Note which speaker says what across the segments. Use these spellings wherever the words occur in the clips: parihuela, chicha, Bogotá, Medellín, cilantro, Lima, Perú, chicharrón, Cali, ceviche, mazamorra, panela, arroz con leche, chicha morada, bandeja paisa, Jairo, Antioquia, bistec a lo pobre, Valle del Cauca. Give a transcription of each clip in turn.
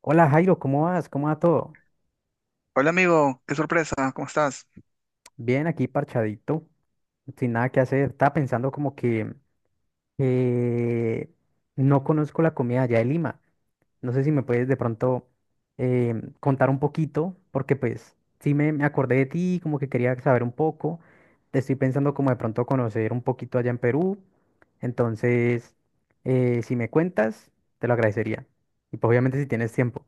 Speaker 1: Hola Jairo, ¿cómo vas? ¿Cómo va todo?
Speaker 2: Hola amigo, qué sorpresa, ¿cómo estás?
Speaker 1: Bien, aquí parchadito, sin nada que hacer. Estaba pensando como que eh, no conozco la comida allá de Lima. No sé si me puedes de pronto contar un poquito, porque pues sí me acordé de ti, como que quería saber un poco. Te estoy pensando como de pronto conocer un poquito allá en Perú. Entonces, si me cuentas, te lo agradecería. Y pues obviamente si tienes tiempo.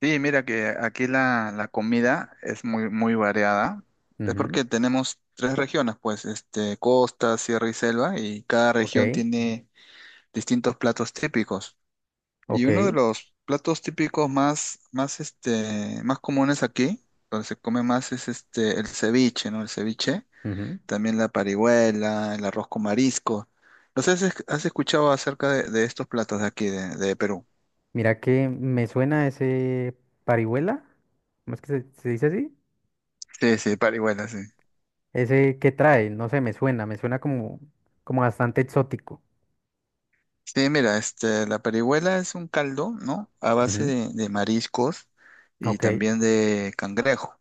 Speaker 2: Sí, mira que aquí la comida es muy, muy variada. Es
Speaker 1: Ujú.
Speaker 2: porque tenemos tres regiones, pues, costa, sierra y selva, y cada región
Speaker 1: Ok,
Speaker 2: tiene distintos platos típicos. Y uno de
Speaker 1: ok.
Speaker 2: los platos típicos más comunes aquí, donde se come más, es el ceviche, ¿no? El ceviche,
Speaker 1: Ujú.
Speaker 2: también la parihuela, el arroz con marisco. No sé si has escuchado acerca de estos platos de aquí, de Perú.
Speaker 1: Mira que me suena ese parihuela, ¿cómo es que se dice así?
Speaker 2: Sí, sí, parihuela, sí.
Speaker 1: Ese que trae, no sé, me suena como bastante exótico.
Speaker 2: Sí, mira, la parihuela es un caldo, ¿no? A base
Speaker 1: Ujú.
Speaker 2: de mariscos y
Speaker 1: Ok,
Speaker 2: también de cangrejo.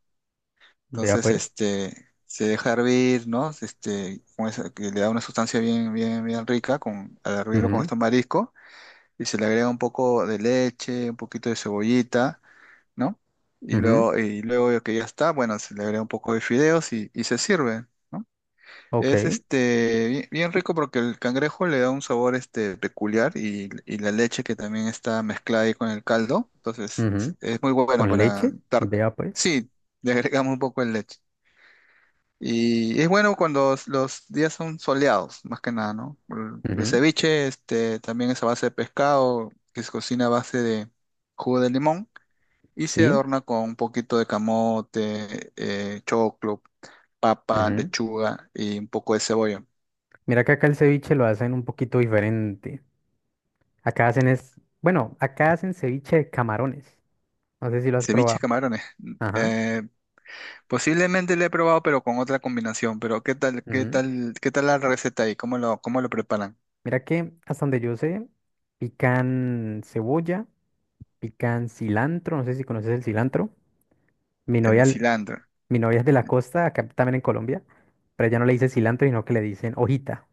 Speaker 1: vea
Speaker 2: Entonces,
Speaker 1: pues.
Speaker 2: se deja hervir, ¿no? Que le da una sustancia bien rica con, al hervirlo con
Speaker 1: Ujú,
Speaker 2: estos mariscos y se le agrega un poco de leche, un poquito de cebollita, ¿no?
Speaker 1: ujú.
Speaker 2: Y luego que ya está, bueno, se le agrega un poco de fideos y se sirve, ¿no?
Speaker 1: Ok.
Speaker 2: Es bien rico porque el cangrejo le da un sabor peculiar y la leche que también está mezclada ahí con el caldo. Entonces
Speaker 1: Ujú.
Speaker 2: es muy bueno
Speaker 1: Con
Speaker 2: para
Speaker 1: leche,
Speaker 2: dar.
Speaker 1: vea pues.
Speaker 2: Sí, le agregamos un poco de leche. Y es bueno cuando los días son soleados, más que nada, ¿no? El
Speaker 1: Ujú.
Speaker 2: ceviche también es a base de pescado, que se cocina a base de jugo de limón y se
Speaker 1: Sí.
Speaker 2: adorna con un poquito de camote, choclo, papa,
Speaker 1: Ujú.
Speaker 2: lechuga y un poco de cebolla.
Speaker 1: Mira que acá el ceviche lo hacen un poquito diferente. Acá hacen es, bueno, acá hacen ceviche de camarones. No sé si lo has
Speaker 2: Ceviche de
Speaker 1: probado.
Speaker 2: camarones.
Speaker 1: Ajá.
Speaker 2: Eh, posiblemente lo he probado, pero con otra combinación. Pero qué tal la receta ahí? Cómo lo preparan?
Speaker 1: Mira que hasta donde yo sé, pican cebolla, pican cilantro, no sé si conoces el cilantro. Mi
Speaker 2: El
Speaker 1: novia,
Speaker 2: cilantro.
Speaker 1: mi novia es de la costa, acá también en Colombia, pero ella no le dice cilantro, sino que le dicen hojita.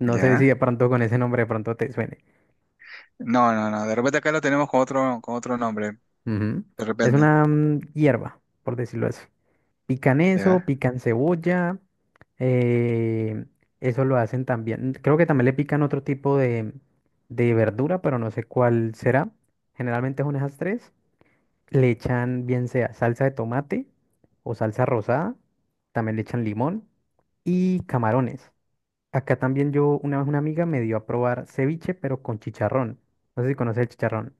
Speaker 1: No sé si de
Speaker 2: ¿Ya?
Speaker 1: pronto con ese nombre de pronto te suene.
Speaker 2: No, no, no. De repente acá lo tenemos con con otro nombre.
Speaker 1: Ujú.
Speaker 2: De
Speaker 1: Es
Speaker 2: repente.
Speaker 1: una hierba, por decirlo así. Pican eso,
Speaker 2: ¿Ya?
Speaker 1: pican cebolla, eh, eso lo hacen también. Creo que también le pican otro tipo de verdura, pero no sé cuál será. Generalmente son esas tres. Le echan bien sea salsa de tomate o salsa rosada, también le echan limón y camarones. Acá también yo, una vez una amiga me dio a probar ceviche, pero con chicharrón. No sé si conoces el chicharrón.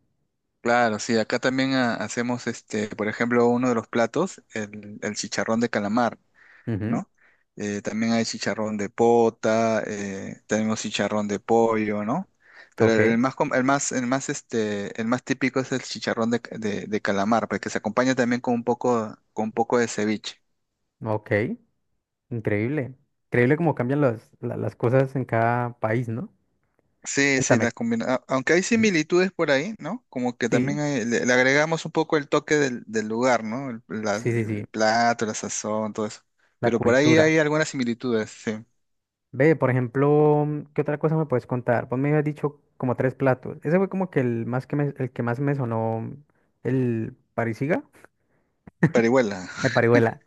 Speaker 2: Claro, sí. Acá también ah, hacemos por ejemplo, uno de los platos, el chicharrón de calamar.
Speaker 1: Ujú.
Speaker 2: ¿No? También hay chicharrón de pota, tenemos chicharrón de pollo, ¿no? Pero
Speaker 1: Ok,
Speaker 2: el más, com- el más, este, el más típico es el chicharrón de calamar, porque se acompaña también con con un poco de ceviche.
Speaker 1: ok, increíble. Increíble cómo cambian las cosas en cada país, ¿no?
Speaker 2: Sí, sí,
Speaker 1: Cuéntame.
Speaker 2: aunque hay
Speaker 1: Ujú.
Speaker 2: similitudes por ahí, ¿no? Como que
Speaker 1: Sí,
Speaker 2: también le agregamos un poco el toque del lugar, ¿no?
Speaker 1: sí, sí, sí,
Speaker 2: El plato, la sazón, todo eso.
Speaker 1: la
Speaker 2: Pero por ahí
Speaker 1: cultura.
Speaker 2: hay algunas similitudes, sí.
Speaker 1: Ve, por ejemplo, ¿qué otra cosa me puedes contar? Vos me habías dicho como tres platos. Ese fue como que el que más me sonó el parisiga,
Speaker 2: Parihuela.
Speaker 1: el parihuela.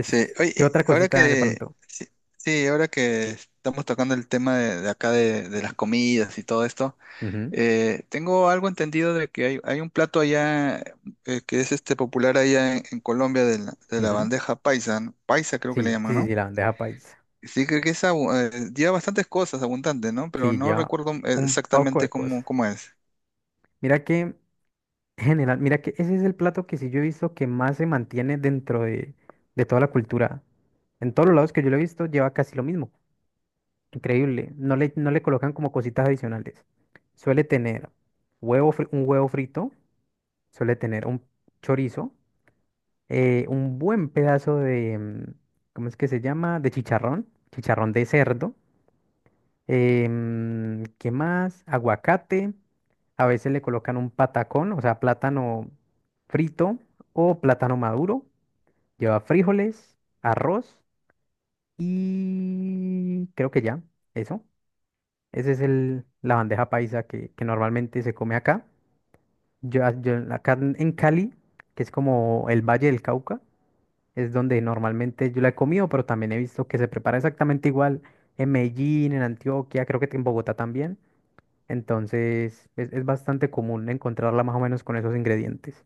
Speaker 2: Sí,
Speaker 1: ¿qué
Speaker 2: oye,
Speaker 1: otra
Speaker 2: ahora
Speaker 1: cosita de
Speaker 2: que,
Speaker 1: pronto?
Speaker 2: sí, sí, ahora que estamos tocando el tema de acá de las comidas y todo esto,
Speaker 1: Ujú,
Speaker 2: tengo algo entendido de que hay un plato allá que es popular allá en Colombia de la
Speaker 1: ujú.
Speaker 2: bandeja paisa, ¿no? Paisa creo que le
Speaker 1: Sí, sí,
Speaker 2: llaman,
Speaker 1: sí,
Speaker 2: ¿no?
Speaker 1: sí, la bandeja paisa.
Speaker 2: Sí, creo que es, lleva bastantes cosas abundante, ¿no? Pero
Speaker 1: Sí,
Speaker 2: no
Speaker 1: lleva
Speaker 2: recuerdo
Speaker 1: un poco de
Speaker 2: exactamente
Speaker 1: cosas.
Speaker 2: cómo es.
Speaker 1: Mira que, en general, mira que ese es el plato que sí yo he visto que más se mantiene dentro de toda la cultura. En todos los lados que yo lo he visto lleva casi lo mismo. Increíble. No le colocan como cositas adicionales. Suele tener un huevo frito, suele tener un chorizo, un buen pedazo de, ¿cómo es que se llama? De chicharrón, chicharrón de cerdo. ¿Qué más? Aguacate. A veces le colocan un patacón, o sea, plátano frito o plátano maduro. Lleva frijoles, arroz y creo que ya, eso. Ese es la bandeja paisa que normalmente se come acá. Yo acá en Cali, que es como el Valle del Cauca, es donde normalmente yo la he comido, pero también he visto que se prepara exactamente igual en Medellín, en Antioquia, creo que en Bogotá también. Entonces es bastante común encontrarla más o menos con esos ingredientes.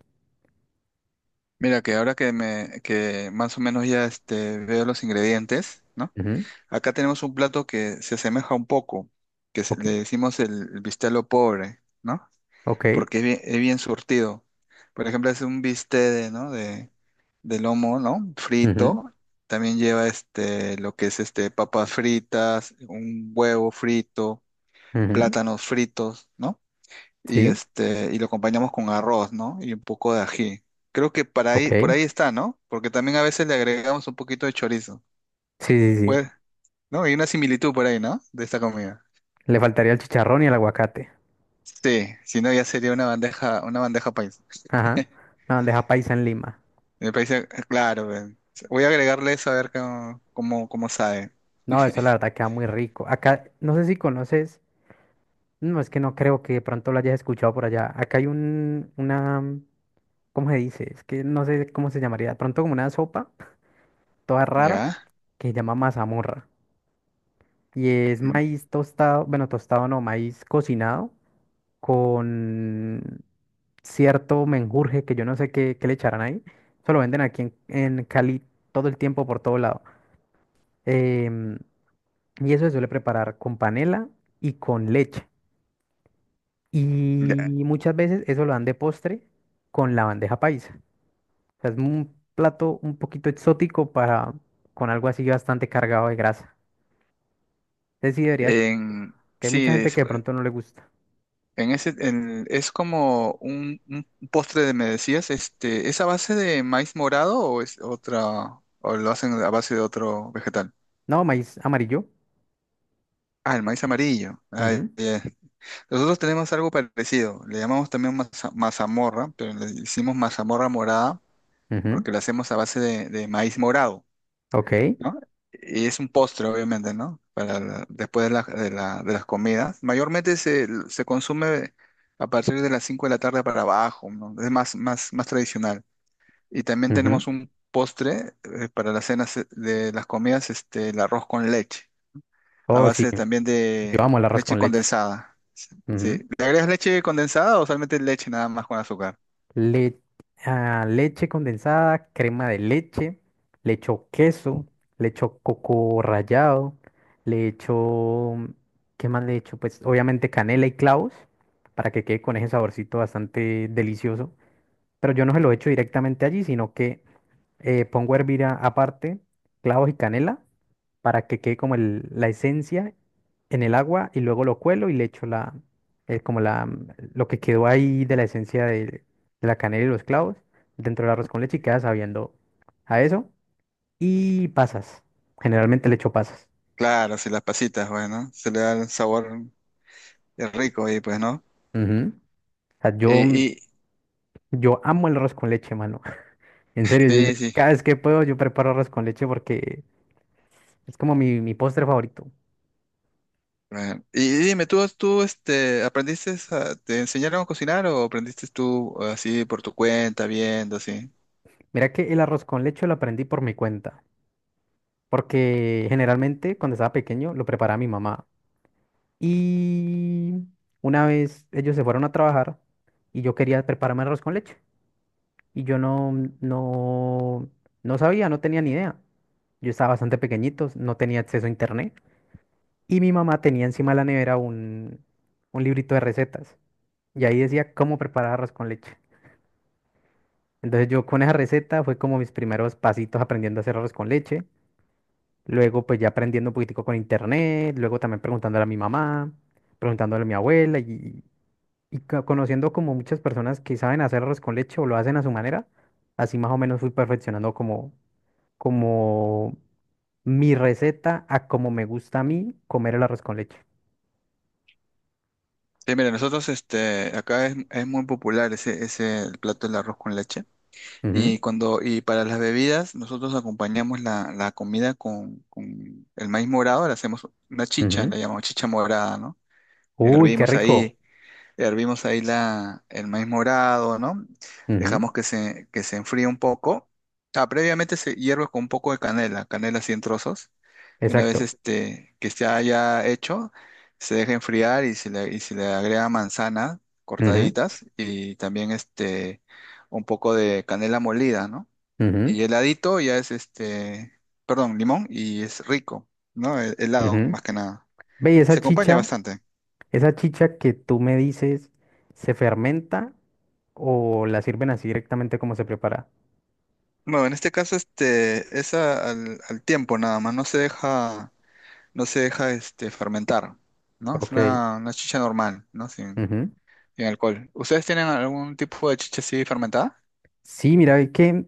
Speaker 2: Mira, que que más o menos ya veo los ingredientes, ¿no?
Speaker 1: Ujú.
Speaker 2: Acá tenemos un plato que se asemeja un poco,
Speaker 1: Ok,
Speaker 2: le decimos el bistelo pobre, ¿no?
Speaker 1: ok.
Speaker 2: Porque es bien surtido. Por ejemplo, es un bistec de, ¿no? De lomo, ¿no?
Speaker 1: Ujú,
Speaker 2: Frito. También lleva este, lo que es este, papas fritas, un huevo frito,
Speaker 1: ujú.
Speaker 2: plátanos fritos, ¿no? Y,
Speaker 1: Sí,
Speaker 2: y lo acompañamos con arroz, ¿no? Y un poco de ají. Creo que
Speaker 1: ok.
Speaker 2: por ahí está, ¿no? Porque también a veces le agregamos un poquito de chorizo.
Speaker 1: Sí, sí, sí.
Speaker 2: Pues, no, hay una similitud por ahí, ¿no? De esta comida.
Speaker 1: Le faltaría el chicharrón y el aguacate.
Speaker 2: Sí, si no ya sería una bandeja paisa.
Speaker 1: Ajá. La bandeja paisa en Lima.
Speaker 2: Me parece, claro, pues. Voy a agregarle eso a ver cómo sabe.
Speaker 1: No, eso la verdad queda muy rico. Acá, no sé si conoces, no, es que no creo que de pronto lo hayas escuchado por allá. Acá hay una, ¿cómo se dice? Es que no sé cómo se llamaría. De pronto como una sopa toda rara
Speaker 2: ¿Ya?
Speaker 1: que se llama mazamorra. Y es
Speaker 2: Mm,
Speaker 1: maíz tostado, bueno, tostado no, maíz cocinado con cierto menjurje que yo no sé qué le echarán ahí. Eso lo venden aquí en Cali todo el tiempo, por todo lado. Em, y eso se suele preparar con panela y con leche. Y
Speaker 2: ya.
Speaker 1: muchas veces eso lo dan de postre con la bandeja paisa. O sea, es un plato un poquito exótico para con algo así bastante cargado de grasa. Entonces sí deberías,
Speaker 2: En,
Speaker 1: que hay
Speaker 2: sí,
Speaker 1: mucha gente
Speaker 2: es,
Speaker 1: que de pronto no le gusta.
Speaker 2: en ese, en- Es como un postre de, me decías, ¿es a base de maíz morado o es otra, o lo hacen a base de otro vegetal?
Speaker 1: No, maíz amarillo.
Speaker 2: Ah, el maíz amarillo. Ah,
Speaker 1: Ujú,
Speaker 2: ya. Nosotros tenemos algo parecido, le llamamos también mazamorra, pero le hicimos mazamorra morada
Speaker 1: ujú.
Speaker 2: porque la hacemos a base de maíz morado,
Speaker 1: Ok.
Speaker 2: ¿no? Y es un postre, obviamente, ¿no? Después de las comidas. Mayormente se consume a partir de las 5 de la tarde para abajo, ¿no? Es más tradicional. Y también tenemos
Speaker 1: Ujú.
Speaker 2: un postre para las cenas de las comidas, el arroz con leche. A
Speaker 1: Oh, sí.
Speaker 2: base también
Speaker 1: Yo
Speaker 2: de
Speaker 1: amo el arroz
Speaker 2: leche
Speaker 1: con leche.
Speaker 2: condensada. Sí, sí.
Speaker 1: Ujú.
Speaker 2: ¿Le agregas leche condensada o solamente leche nada más con azúcar?
Speaker 1: le- leche condensada, crema de leche, le echo queso, le echo coco rallado, le echo, ¿qué más le echo? Pues obviamente canela y clavos para que quede con ese saborcito bastante delicioso, pero yo no se lo echo directamente allí, sino que pongo a hervir aparte clavos y canela para que quede como la esencia en el agua y luego lo cuelo y le echo la, como la, lo que quedó ahí de la esencia de la canela y los clavos dentro del arroz con leche y queda sabiendo a eso. Y pasas. Generalmente le echo pasas.
Speaker 2: Claro, si las pasitas, bueno, se le da el sabor rico ahí, pues, ¿no?
Speaker 1: Ujú. O sea,
Speaker 2: Y,
Speaker 1: yo, mm,
Speaker 2: y
Speaker 1: yo amo el arroz con leche, mano. En serio, yo
Speaker 2: sí, sí.
Speaker 1: cada vez que puedo yo preparo arroz con leche porque es como mi postre favorito.
Speaker 2: Bueno, y dime, ¿tú, tú este, aprendiste, a- te enseñaron a cocinar o aprendiste tú así por tu cuenta, viendo, así?
Speaker 1: Mira que el arroz con leche lo aprendí por mi cuenta, porque generalmente cuando estaba pequeño lo preparaba mi mamá. Y una vez ellos se fueron a trabajar y yo quería prepararme arroz con leche y yo no, no, no sabía, no tenía ni idea. Yo estaba bastante pequeñito, no tenía acceso a internet y mi mamá tenía encima de la nevera un librito de recetas y ahí decía cómo preparar arroz con leche. Entonces yo con esa receta fue como mis primeros pasitos aprendiendo a hacer arroz con leche. Luego, pues ya aprendiendo un poquitico con internet, luego también preguntándole a mi mamá, preguntándole a mi abuela y conociendo como muchas personas que saben hacer arroz con leche o lo hacen a su manera, así más o menos fui perfeccionando como mi receta a como me gusta a mí comer el arroz con leche.
Speaker 2: Sí, mira, nosotros acá es muy popular ese plato del arroz con leche.
Speaker 1: Ujú,
Speaker 2: Y cuando, y Para las bebidas, nosotros acompañamos la comida con el maíz morado, le hacemos una chicha, la
Speaker 1: ujú.
Speaker 2: llamamos chicha morada, ¿no?
Speaker 1: Uy, qué
Speaker 2: Hervimos
Speaker 1: rico.
Speaker 2: ahí, hervimos ahí el maíz morado, ¿no? Dejamos
Speaker 1: Ujú.
Speaker 2: que se enfríe un poco. Ah, previamente se hierve con un poco de canela, canela así en trozos. Y una vez
Speaker 1: Exacto.
Speaker 2: que se haya hecho, se deja enfriar y y se le agrega manzana
Speaker 1: Ujú,
Speaker 2: cortaditas y también un poco de canela molida, ¿no?
Speaker 1: ujú,
Speaker 2: Y heladito ya es limón y es rico, ¿no? Helado,
Speaker 1: ujú.
Speaker 2: más que nada.
Speaker 1: Ve, y
Speaker 2: Se acompaña bastante.
Speaker 1: esa chicha que tú me dices se fermenta. ¿O la sirven así directamente como se prepara?
Speaker 2: Bueno, en este caso es al tiempo nada más, no se deja fermentar, ¿no? Es
Speaker 1: Ok.
Speaker 2: una chicha normal, ¿no?
Speaker 1: Ujú.
Speaker 2: Sin alcohol. ¿Ustedes tienen algún tipo de chicha así fermentada?
Speaker 1: Sí, mira, es que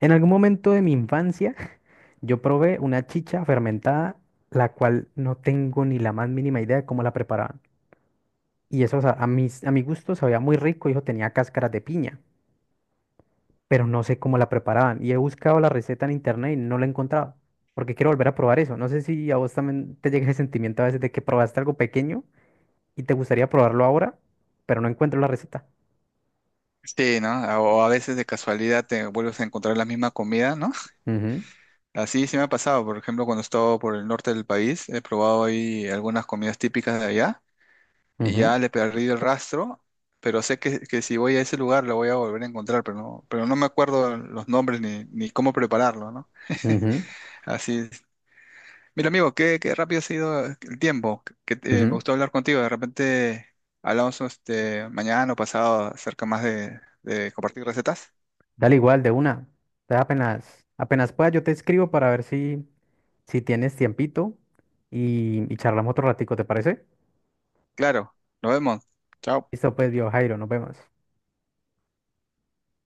Speaker 1: en algún momento de mi infancia yo probé una chicha fermentada, la cual no tengo ni la más mínima idea de cómo la preparaban. Y eso, o sea, a mi gusto sabía muy rico, hijo, tenía cáscaras de piña, pero no sé cómo la preparaban. Y he buscado la receta en internet y no la he encontrado, porque quiero volver a probar eso. No sé si a vos también te llega ese sentimiento a veces de que probaste algo pequeño y te gustaría probarlo ahora, pero no encuentro la receta.
Speaker 2: Sí, ¿no? O a veces de casualidad te vuelves a encontrar la misma comida, ¿no?
Speaker 1: Ujú,
Speaker 2: Así sí me ha pasado, por ejemplo, cuando he estado por el norte del país, he probado ahí algunas comidas típicas de allá, y
Speaker 1: ujú.
Speaker 2: ya le perdí el rastro, pero sé que si voy a ese lugar lo voy a volver a encontrar, pero pero no me acuerdo los nombres ni cómo prepararlo, ¿no?
Speaker 1: Ujú,
Speaker 2: Así es. Mira, amigo, qué rápido ha sido el tiempo, que, me
Speaker 1: ujú.
Speaker 2: gustó hablar contigo, de repente hablamos mañana o pasado acerca más de compartir recetas.
Speaker 1: Dale igual de una. Apenas, apenas pueda, yo te escribo para ver si tienes tiempito y charlamos otro ratico, ¿te parece?
Speaker 2: Claro, nos vemos. Chao.
Speaker 1: Listo, pues, viejo Jairo, nos vemos.